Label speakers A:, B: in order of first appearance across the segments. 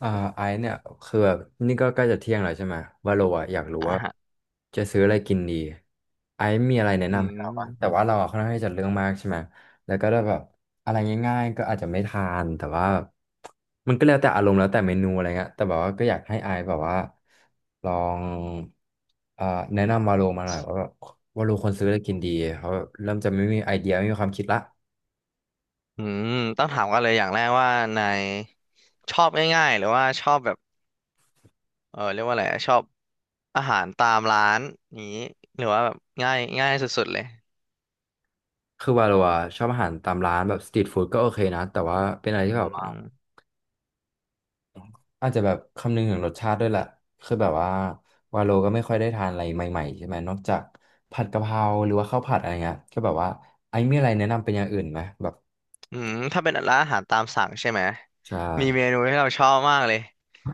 A: อ่าไอซ์เนี่ยคือแบบนี่ก็ใกล้จะเที่ยงแล้วใช่ไหมว่าโลอะอยากรู้
B: อ่า
A: ว่า
B: ฮะ
A: จะซื้ออะไรกินดีไอซ์มีอะไรแนะ
B: อื
A: นำให้เราปะแต่
B: ม
A: ว่าเราอะค่อนข้างที่จะเรื่องมากใช่ไหมแล้วก็ได้แบบอะไรง่ายๆก็อาจจะไม่ทานแต่ว่ามันก็แล้วแต่อารมณ์แล้วแต่เมนูอะไรเงี้ยแต่แบบว่าก็อยากให้ไอซ์แบบว่าลองเอ่อแนะนำวาโลมาหน่อยว่าแบบวาโลควรซื้ออะไรกินดีเขาะแบบเริ่มจะไม่มีไอเดียไม่มีความคิดละ
B: อืมต้องถามกันเลยอย่างแรกว่านายชอบง่ายๆหรือว่าชอบแบบเรียกว่าอะไรอะชอบอาหารตามร้านนี้หรือว่าแบบง่ายง่ายสุดๆเลย
A: คือวาโลอะชอบอาหารตามร้านแบบสตรีทฟู้ดก็โอเคนะแต่ว่าเป็นอะไร
B: อื
A: ที่แบบว่า
B: ม
A: อาจจะแบบคำนึงถึงรสชาติด้วยแหละคือแบบว่าวาโลก็ไม่ค่อยได้ทานอะไรใหม่ๆใช่ไหมนอกจากผัดกะเพราหรือว่าข้าวผัดอะไรเงี้ยก็แบบว่าไอ้มีอะไรแนะนำเป็นอย่างอื่นไหมแบบ
B: อืมถ้าเป็นร้านอาหารตามสั่งใช่ไหม
A: ใช่
B: มีเมนูที่เราชอบมากเลย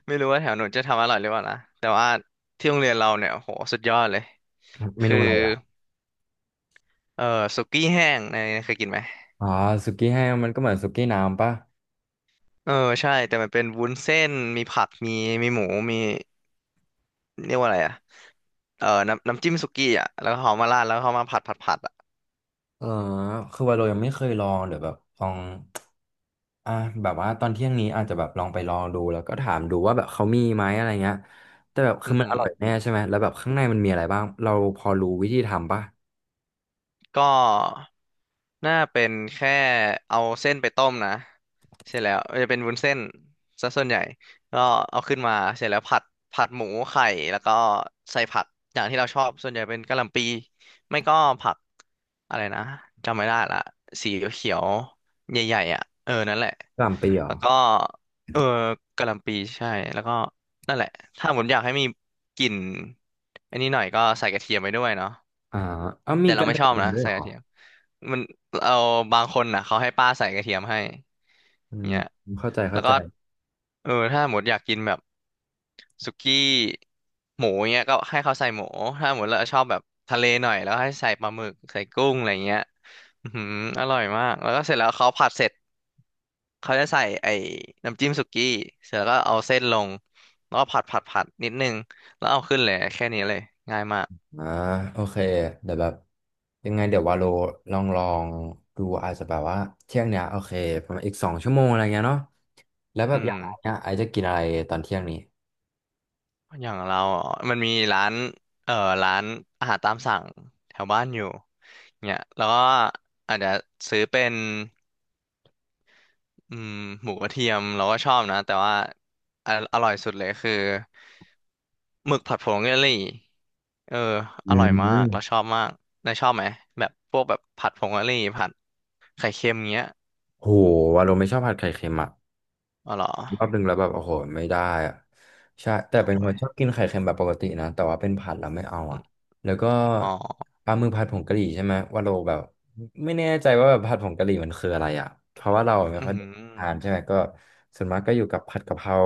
B: ไม่รู้ว่าแถวหนูจะทำอร่อยหรือเปล่านะแต่ว่าที่โรงเรียนเราเนี่ยโหสุดยอดเลย
A: เม
B: คื
A: นู
B: อ
A: อะไรอ่ะ
B: เออสุกี้แห้งนายเคยกินไหม
A: อ๋อสุกี้แห้งมันก็เหมือนสุกี้น้ำปะ
B: เออใช่แต่มันเป็นวุ้นเส้นมีผักมีหมูมี เรียกว่าอะไรอ่ะเออน้ำน้ำจิ้มสุกี้อ่ะ แล้วเขามาราดแล้วเขามาผัดอ่ะ
A: เออคือวาโลยังไม่เคยลองเดี๋ยวแบบลองอ่ะแบบว่าตอนเที่ยงนี้อาจจะแบบลองไปลองดูแล้วก็ถามดูว่าแบบเขามีไหมอะไรเงี้ยแต่แบบคื
B: อื
A: อ
B: อ
A: มัน
B: หื
A: อ
B: อ
A: ร่อยแน่ใช่ไหมแล้วแบบข้างในมันมีอะไรบ้างเราพอรู้วิธีทำปะก
B: ก็น่าเป็นแค่เอาเส้นไปต้มนะเสร็จแล้วจะเป็นวุ้นเส้นซะส่วนใหญ่ก็เอาขึ้นมาเสร็จแล้วผัดผัดหมูไข่แล้วก็ใส่ผักอย่างที่เราชอบส่วนใหญ่เป็นกะหล่ำปีไม่ก็ผักอะไรนะจำไม่ได้ละสีเขียวๆใหญ่ๆอ่ะเออนั่นแหละ
A: ะหล่ำปีเหรอ
B: แล้วก็เออกะหล่ำปีใช่แล้วก็นั่นแหละถ้าผมอยากให้มีกลิ่นอันนี้หน่อยก็ใส่กระเทียมไปด้วยเนาะ
A: อ่าเอามี
B: แต่เรา
A: การ
B: ไม่
A: แข่
B: ชอ
A: ง
B: บ
A: ขัน
B: นะ
A: ด้วย
B: ใส่
A: เหร
B: กระ
A: อ
B: เทียมมันเอาบางคนน่ะเขาให้ป้าใส่กระเทียมให้
A: อืม
B: เงี้ย
A: เข้าใจเข้า
B: แล้ว
A: ใจ
B: ก็เออถ้าหมดอยากกินแบบสุกี้หมูเงี้ยก็ให้เขาใส่หมูถ้าหมดเราชอบแบบทะเลหน่อยแล้วให้ใส่ปลาหมึกใส่กุ้งอะไรเงี้ยอือหืออร่อยมากแล้วก็เสร็จแล้วเขาผัดเสร็จเขาจะใส่ไอ้น้ำจิ้มสุกี้เสร็จแล้วก็เอาเส้นลงแล้วก็ผัดนิดนึงแล้วเอาขึ้นเลยแค่นี้เลยง่ายมาก
A: อ่าโอเคเดี๋ยวแบบยังไงเดี๋ยววาโลลองลองดูอาจจะแบบว่าเที่ยงเนี้ยโอเคประมาณอีก2 ชั่วโมงอะไรเงี้ยเนาะแล้วแบ
B: อื
A: บอยา
B: ม
A: งไอเนี่ยไอจะกินอะไรตอนเที่ยงนี้
B: อย่างเราออมันมีร้านเอ่อร้านอาหารตามสั่งแถวบ้านอยู่เนี่ยแล้วก็อาจจะซื้อเป็นอืมหมูกระเทียมเราก็ชอบนะแต่ว่าออร่อยสุดเลยคือหมึกผัดผงกะหรี่เออ
A: อื
B: อร่อยมากเราช
A: ม
B: อบมากนายชอบไหมแบบพวกแบบผัดผงกะหรี่ผัดไข่เค็มเงี้ย
A: โหวาโลไม่ชอบผัดไข่เค็มอ่ะ
B: อ๋อเหรอ
A: รอบหนึ่งแล้วแบบโอ้โหไม่ได้อะใช่แต่เป็น
B: โอ้
A: คน
B: ย
A: ชอบกินไข่เค็มแบบปกตินะแต่ว่าเป็นผัดแล้วไม่เอา
B: อ
A: อ่ะ
B: ม
A: แล้วก็
B: อ๋อ
A: ปลาหมึกผัดผงกะหรี่ใช่ไหมว่าเราแบบไม่แน่ใจว่าแบบผัดผงกะหรี่มันคืออะไรอ่ะเพราะว่าเราไม่
B: อื
A: ค่อยได้ทาน
B: ม
A: ใช่ไหมก็ส่วนมากก็อยู่กับผัดกะเพรา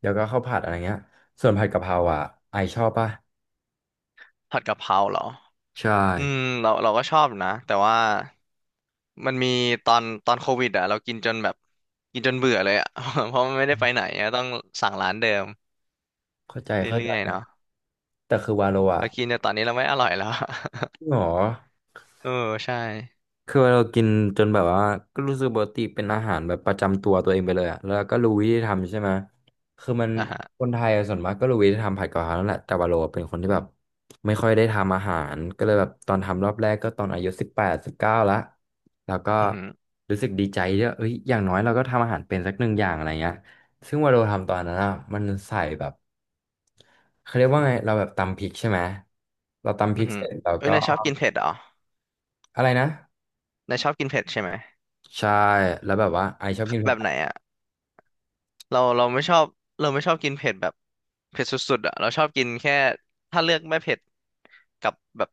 A: แล้วก็ข้าวผัดอะไรเงี้ยส่วนผัดกะเพราอ่ะไอชอบป่ะ
B: ผัดกะเพราเหรอ
A: ใช่
B: อืมเราก็ชอบนะแต่ว่า มันมีตอนโควิดอ่ะเรากินจนแบบกินจนเบื่อเลยอ่ะ เพราะมันไม่ได้ไปไหนอะต้องสั่งร้านเดิม
A: เข้าใจเข้าใจ
B: เรื่อยๆเนาะ
A: แต่คือวาโลอ่ะ
B: แล้วกินแต่ตอนนี้เราไม่อร่อยแล้ว
A: หรอ
B: เออใช่
A: คือเรากินจนแบบว่าก็รู้สึกปกติเป็นอาหารแบบประจำตัวเองไปเลยอะแล้วก็รู้วิธีทำใช่ไหมคือมัน
B: อ่ะฮะ
A: คนไทยอะส่วนมากก็รู้วิธีทำผัดกะเพรานั่นแหละแต่ว่าเราเป็นคนที่แบบไม่ค่อยได้ทำอาหารก็เลยแบบตอนทำรอบแรกก็ตอนอายุ18-19ละแล้วก็
B: อือหือ
A: รู้สึกดีใจที่ว่าเอ้ยอย่างน้อยเราก็ทำอาหารเป็นสักหนึ่งอย่างอะไรเงี้ยซึ่งว่าเราทำตอนนั้นอะมันใส่แบบเขาเรียกว่าไง เราแบบตำพริกใช่ไหม เราตำพ
B: อื
A: ริ
B: อ
A: ก
B: หื
A: เส
B: อ
A: ร็จเรา
B: เอ้ย
A: ก็
B: นายชอบกินเผ็ดเหรอ
A: อะไรนะ
B: นายชอบกินเผ็ดใช่ไหม
A: ใช่แล้วแบบว่าไอชอบกิน
B: แบบไหนอ่ะเราไม่ชอบเราไม่ชอบกินเผ็ดแบบเผ็ดสุดๆอ่ะเราชอบกินแค่ถ้าเลือกไม่เผ็ดกับแบบ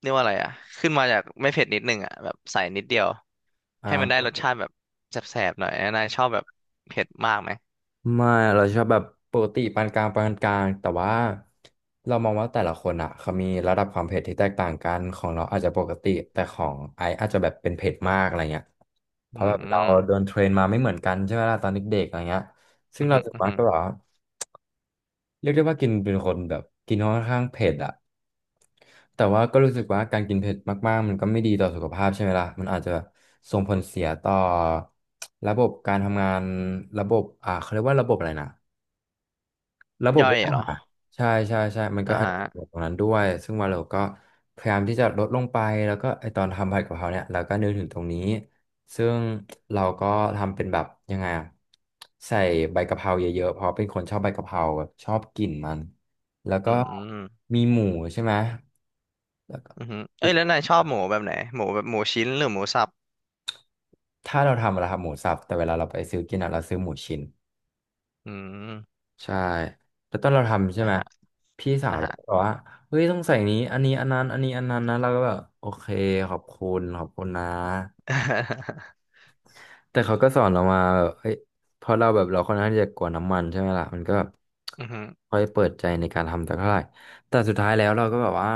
B: เรียกว่าอะไรอ่ะขึ้นมาจากไม่เผ็ดนิดนึงอ่ะแบบใส่นิดเดียวให้มันได้ร
A: อ่า
B: สชาติแบบแสบๆหน่อยนายชอบแบบเผ็ดมากไหม
A: ไม่เราชอบแบบปกติปานกลางปานกลางแต่ว่าเรามองว่าแต่ละคนอ่ะเขามีระดับความเผ็ดที่แตกต่างกันของเราอาจจะปกติแต่ของไอซ์อาจจะแบบเป็นเผ็ดมากอะไรเงี้ยเพ
B: อื
A: ราะแบ
B: ม
A: บ
B: อื
A: เรา
B: ม
A: โดนเทรนมาไม่เหมือนกันใช่ไหมล่ะตอนเด็กๆอะไรเงี้ยซึ่
B: อ
A: งเรา
B: หืม
A: ส่ว
B: อ
A: น
B: อือ
A: มาก
B: หือ
A: ก็แบบว่า เรียกได้ว่ากินเป็นคนแบบกินค่อนข้างเผ็ดอะแต่ว่าก็รู้สึกว่าการกินเผ็ดมากๆมันก็ไม่ดีต่อสุขภาพใช่ไหมล่ะ มันอาจจะส่งผลเสียต่อระบบการทำงานระบบเขาเรียกว่าระบบอะไรนะระบบ
B: ย่อยเหรอ
A: ใช่ใช่ใช่มันก็
B: อ่า
A: อาจ
B: ฮะ
A: จะเกิดตรงนั้นด้วย ซึ่งว่าเราก็พยายามที่จะลดลงไปแล้วก็ไอตอนทำผัดกะเพราเนี่ยเราก็นึกถึงตรงนี้ ซึ่งเราก็ทำเป็นแบบยังไงอะใส่ใบกะเพราเยอะๆเพราะเป็นคนชอบใบกะเพราแบบชอบกลิ่นมัน แล้ว
B: อื
A: ก็
B: มอืม
A: มีหมูใช่ไหมแล้วก็อี
B: เอ้ย
A: ก
B: แล้วนายชอบหมูแบบไหน หมูแบบหมูชิ้นหรือหมูสับ
A: ถ้าเราทำเราทำหมูสับแต่เวลาเราไปซื้อกินอะเราซื้อหมูชิ้น
B: อืม
A: ใช่แล้วตอนเราทำใช่
B: อ่า
A: ไหม
B: ฮะ
A: พี่สา
B: อ่า
A: วเรา
B: ฮะ
A: ก็บอกว่าเฮ้ยต้องใส่นี้อันนี้อันนั้นอันนี้อันนั้นนะเราก็แบบโอเคขอบคุณขอบคุณนะ แต่เขาก็สอนเรามาแบบเฮ้ยพอเราแบบเราค่อนข้างที่จะกลัวน้ำมันใช่ไหมล่ะมันก็แบบ
B: อืมอหือ
A: ค่อยเปิดใจในการทำแต่เท่าไหร่แต่สุดท้ายแล้วเราก็แบบว่า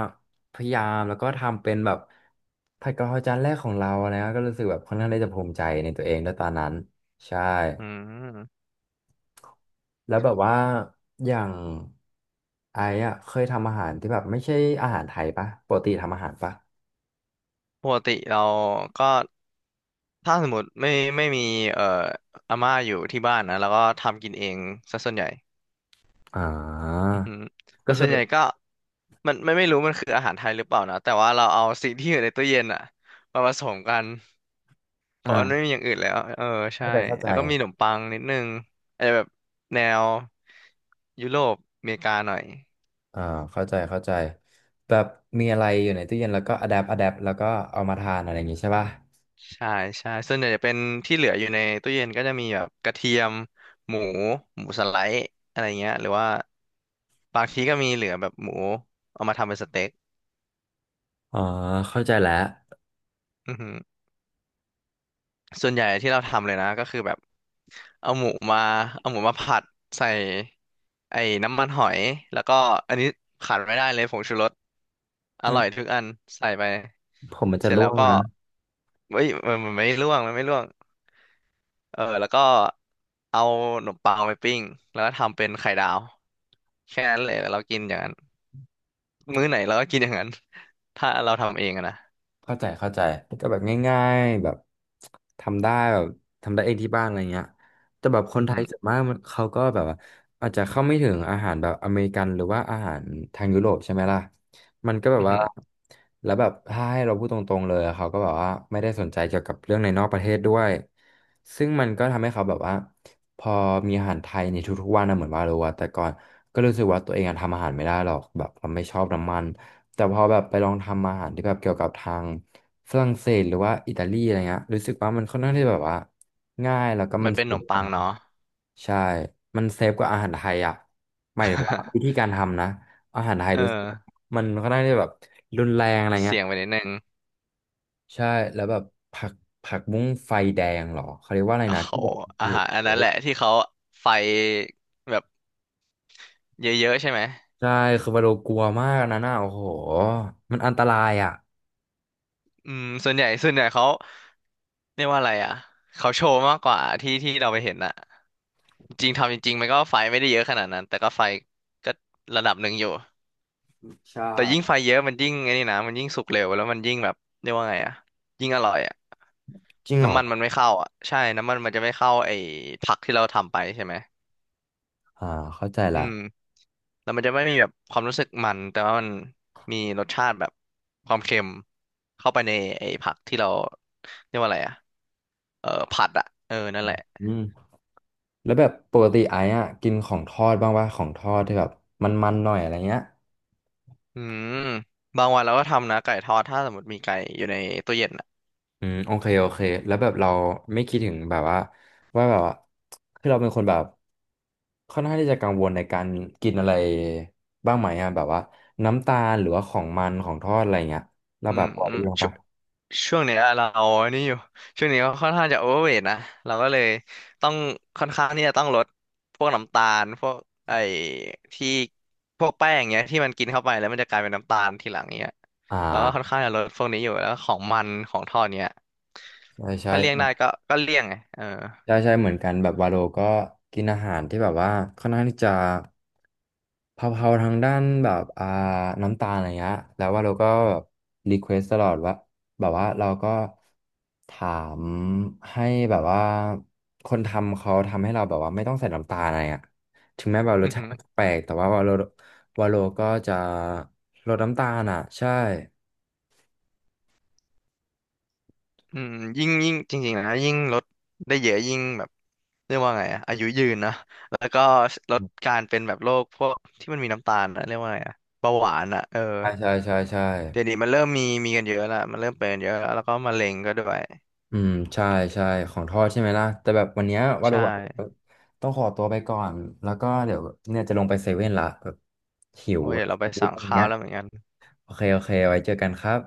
A: พยายามแล้วก็ทำเป็นแบบผัดกะเพราจานแรกของเรานะก็รู้สึกแบบค่อนข้างที่จะภูมิใจในตัวเองด้วยตอนนั้นใช่
B: อืม
A: แล้วแบบว่าอย่างไอ้อะเคยทำอาหารที่แบบไม่ใช่อาหารไทยปะปกติทำอาหารปะ
B: ปกติเราก็ถ้าสมมติไม่มีเอ่ออาม่าอยู่ที่บ้านนะแล้วก็ทำกินเองซะส่วนใหญ่
A: อ่า
B: อือหือแต่
A: ก็
B: ส่
A: คื
B: ว
A: อ
B: นใหญ่ก็มันไม่รู้มันคืออาหารไทยหรือเปล่านะแต่ว่าเราเอาสิ่งที่อยู่ในตู้เย็นอะมาผสมกัน เพราะมันไม่
A: อ่า
B: มีอย่างอื่นแล้ว เออใช่
A: เข้าใจ
B: แล้วก็มีขนมปังนิดนึงอาจจะแบบแนวยุโรปอเมริกาหน่อย
A: อ่าเข้าใจแบบมีอะไรอยู่ในตู้เย็นแล้วก็อะแดปแล้วก็เอามาทานอะไรอย่างงี้ใช่ปะ
B: ใช่ใช่ส่วนใหญ่จะเป็นที่เหลืออยู่ในตู้เย็นก็จะมีแบบกระเทียมหมูหมูสไลด์อะไรเงี้ยหรือว่าบางทีก็มีเหลือแบบหมูเอามาทำเป็นสเต็ก
A: อ๋อเข้าใจแล้ว
B: อือหือ ส่วนใหญ่ที่เราทำเลยนะก็คือแบบเอาหมูมาเอาหมูมาผัดใส่ไอ้น้ำมันหอยแล้วก็อันนี้ขาดไม่ได้เลยผงชูรสอ
A: อื
B: ร่อ
A: ม
B: ยทุกอันใส่ไป
A: ผมมันจะ
B: เสร็จ
A: ร่
B: แล้
A: ว
B: ว
A: ง
B: ก็
A: นะ
B: เฮ้ยมันไม่ร่วงมันไม่ร่วงเออแล้วก็เอาขนมปังไปปิ้งแล้วก็ทำเป็นไข่ดาวแค่นั้นเลยเรากินอย่างนั้นมื้อไหนเราก็กินอย่างนั้นถ้าเราทำเองอะนะ
A: เข้าใจก็แบบง่ายๆแบบทำได้แบบทำได้เองที่บ้านอะไรเงี้ยแต่แบบคน
B: อือ
A: ไท
B: หื
A: ย
B: อ
A: ส่วนมากมันเขาก็แบบว่าอาจจะเข้าไม่ถึงอาหารแบบอเมริกันหรือว่าอาหารทางยุโรปใช่ไหมล่ะมันก็แบ
B: อื
A: บ
B: อ
A: ว่า
B: หือ
A: แล้วแบบถ้าให้เราพูดตรงๆเลยเขาก็แบบว่าไม่ได้สนใจเกี่ยวกับเรื่องในนอกประเทศด้วยซึ่งมันก็ทำให้เขาแบบว่าพอมีอาหารไทยในทุกๆวันนะเหมือนว่าเราว่าแต่ก่อนก็รู้สึกว่าตัวเองอะทำอาหารไม่ได้หรอกแบบเราไม่ชอบน้ำมัน แต่พอแบบไปลองทำอาหารที่แบบเกี่ยวกับทางฝรั่งเศสหรือว่าอิตาลีอะไรเงี้ยรู้สึกว่ามันค่อน
B: อื
A: ข้างที่
B: ม
A: แบบว่าง่ายแล้วก็
B: มั
A: มัน
B: นเป็น
A: เซ
B: ขน
A: ฟ
B: ม
A: ก
B: ปั
A: ว่า
B: งเนาะ
A: ใช่มันเซฟกว่าอาหารไทยอ่ะหมายถึงว่าวิธีการทำนะอาหารไทย
B: เออ
A: รู้สึกมันค่อนข้างที่แบบรุนแรงอะไรเงี้
B: เสี่
A: ย
B: ยงไปนิดนึง
A: ใช่แล้วแบบผักผักบุ้งไฟแดงเหรอเขาเรียกว่าอะไร
B: โอ้
A: นะ
B: โห
A: ที่แบบโอ้
B: อาหารอัน
A: โห
B: นั้นแหละที่เขาไฟแบบเยอะๆใช่ไหม
A: ใช่คือวาโลกลัวมากนะน่ะโอ้โหมันอันตรายอ่ะ
B: อืมส่วนใหญ่เขาเรียกว่าอะไรอ่ะเขาโชว์มากกว่าที่เราไปเห็นอะจริงทำจริงๆมันก็ไฟไม่ได้เยอะขนาดนั้นแต่ก็ไฟก็ระดับหนึ่งอยู่
A: ใช่
B: แต่ยิ่งไฟเยอะมันยิ่งไอ้นี่นะมันยิ่งสุกเร็วแล้วมันยิ่งแบบเรียกว่าไงอ่ะยิ่งอร่อยอ่ะ
A: จริงเหรอ
B: น้ำมันมันไม่เข้าอ่ะใช่น้ำมันมันจะไม่เข้าไอ้ผักที่เราทำไปใช่ไหม
A: อ่าเข้าใจ
B: อื
A: ละ
B: ม แล้วมันจะไม่มีแบบความรู้สึกมันแต่ว่ามันมีรสชาติแบบความเค็มเข้าไปในไอ้ผักที่เราเรียกว่าอะไรอะเออผัดอะเออนั่นแหละ
A: อืม แล้วแบบปกติไอ้อะกินของทอดบ้างว่าของทอดที่แบบมันๆหน่อยอะไรเงี้ย
B: อืมบางวันเราก็ทำนะไก่ทอดถ้าสมมติมีไก่อยู่ในตู้เย็นอะ
A: อืมโอเคแล้วแบบเราไม่คิดถึงแบบว่าว่าแบบว่าคือเราเป็นคนแบบค่อนข้างที่จะกังวลในการกินอะไรบ้างไหมอะแบบว่าน้ำตาลหรือว่าของมันของทอดอะไรเงี้ยเรา
B: อื
A: แบบ
B: ม
A: พอ
B: อื
A: ดี
B: ม
A: ลงปะ
B: ช่วงเนี้ยเราอันนี้อยู่ช่วงนี้ก็ค่อนข้างจะโอเวอร์เวทนะเราก็เลยต้องค่อนข้างที่จะต้องลดพวกน้ำตาลพวกไอ้ที่พวกแป้งเงี้ยที่มันกินเข้าไปแล้วมันจะกลายเป็นน้ำตาลทีหลังเงี้ย
A: อ่
B: เราก็ค่อน
A: า
B: ข้างจะลดพวกนี้อยู่แล้วก็ของมันของทอดเนี้ย
A: ใช่ใช่
B: ถ้าเลี่ยงได้ก็เลี่ยงไงเออ
A: ใช่ใช่เหมือนกันแบบวาโลก็กินอาหารที่แบบว่าค่อนข้างที่จะเผาๆทางด้านแบบอ่าน้ำตาลอะไรเงี้ยแล้ววาโลก็รีเควสตลอดว่าแบบว่าเราก็ถามให้แบบว่าคนทำเขาทำให้เราแบบว่าไม่ต้องใส่น้ำตาลอะไรอ่ะถึงแม้แบบร
B: อื
A: ส
B: อ
A: ชา
B: หื
A: ติ
B: อ
A: มันจะแปลกแต่ว่าวาโลก็จะลดน้ำตาลอ่ะใช่
B: อืมยิ่งยิ่งจริงๆนะยิ่งลดได้เยอะยิ่งแบบเรียกว่าไงอะอายุยืนนะแล้วก็ลดการเป็นแบบโรคพวกที่มันมีน้ำตาลนะเรียกว่าไงอะเบาหวานอะเออ
A: ใช่ใช่ใช่ใช่
B: เดี๋ยวนี้มันเริ่มมีมีกันเยอะละมันเริ่มเป็นกันเยอะแล้วแล้วก็มะเร็งก็ด้วย
A: อืมใช่ใช่ของทอดใช่ไหมล่ะแต่แบบวันเนี้ยวาโร
B: ใช่
A: ต้องขอตัวไปก่อนแล้วก็เดี๋ยวเนี่ยจะลงไปเซเว่นละแบบหิว
B: โอ้ย
A: แบ
B: เดี๋ย
A: บ
B: วเรา ไปสั่ง
A: อะไร
B: ข้าว
A: เงี้ย
B: แล้วเหมือนกัน
A: โอเคไว้เจอกันครับ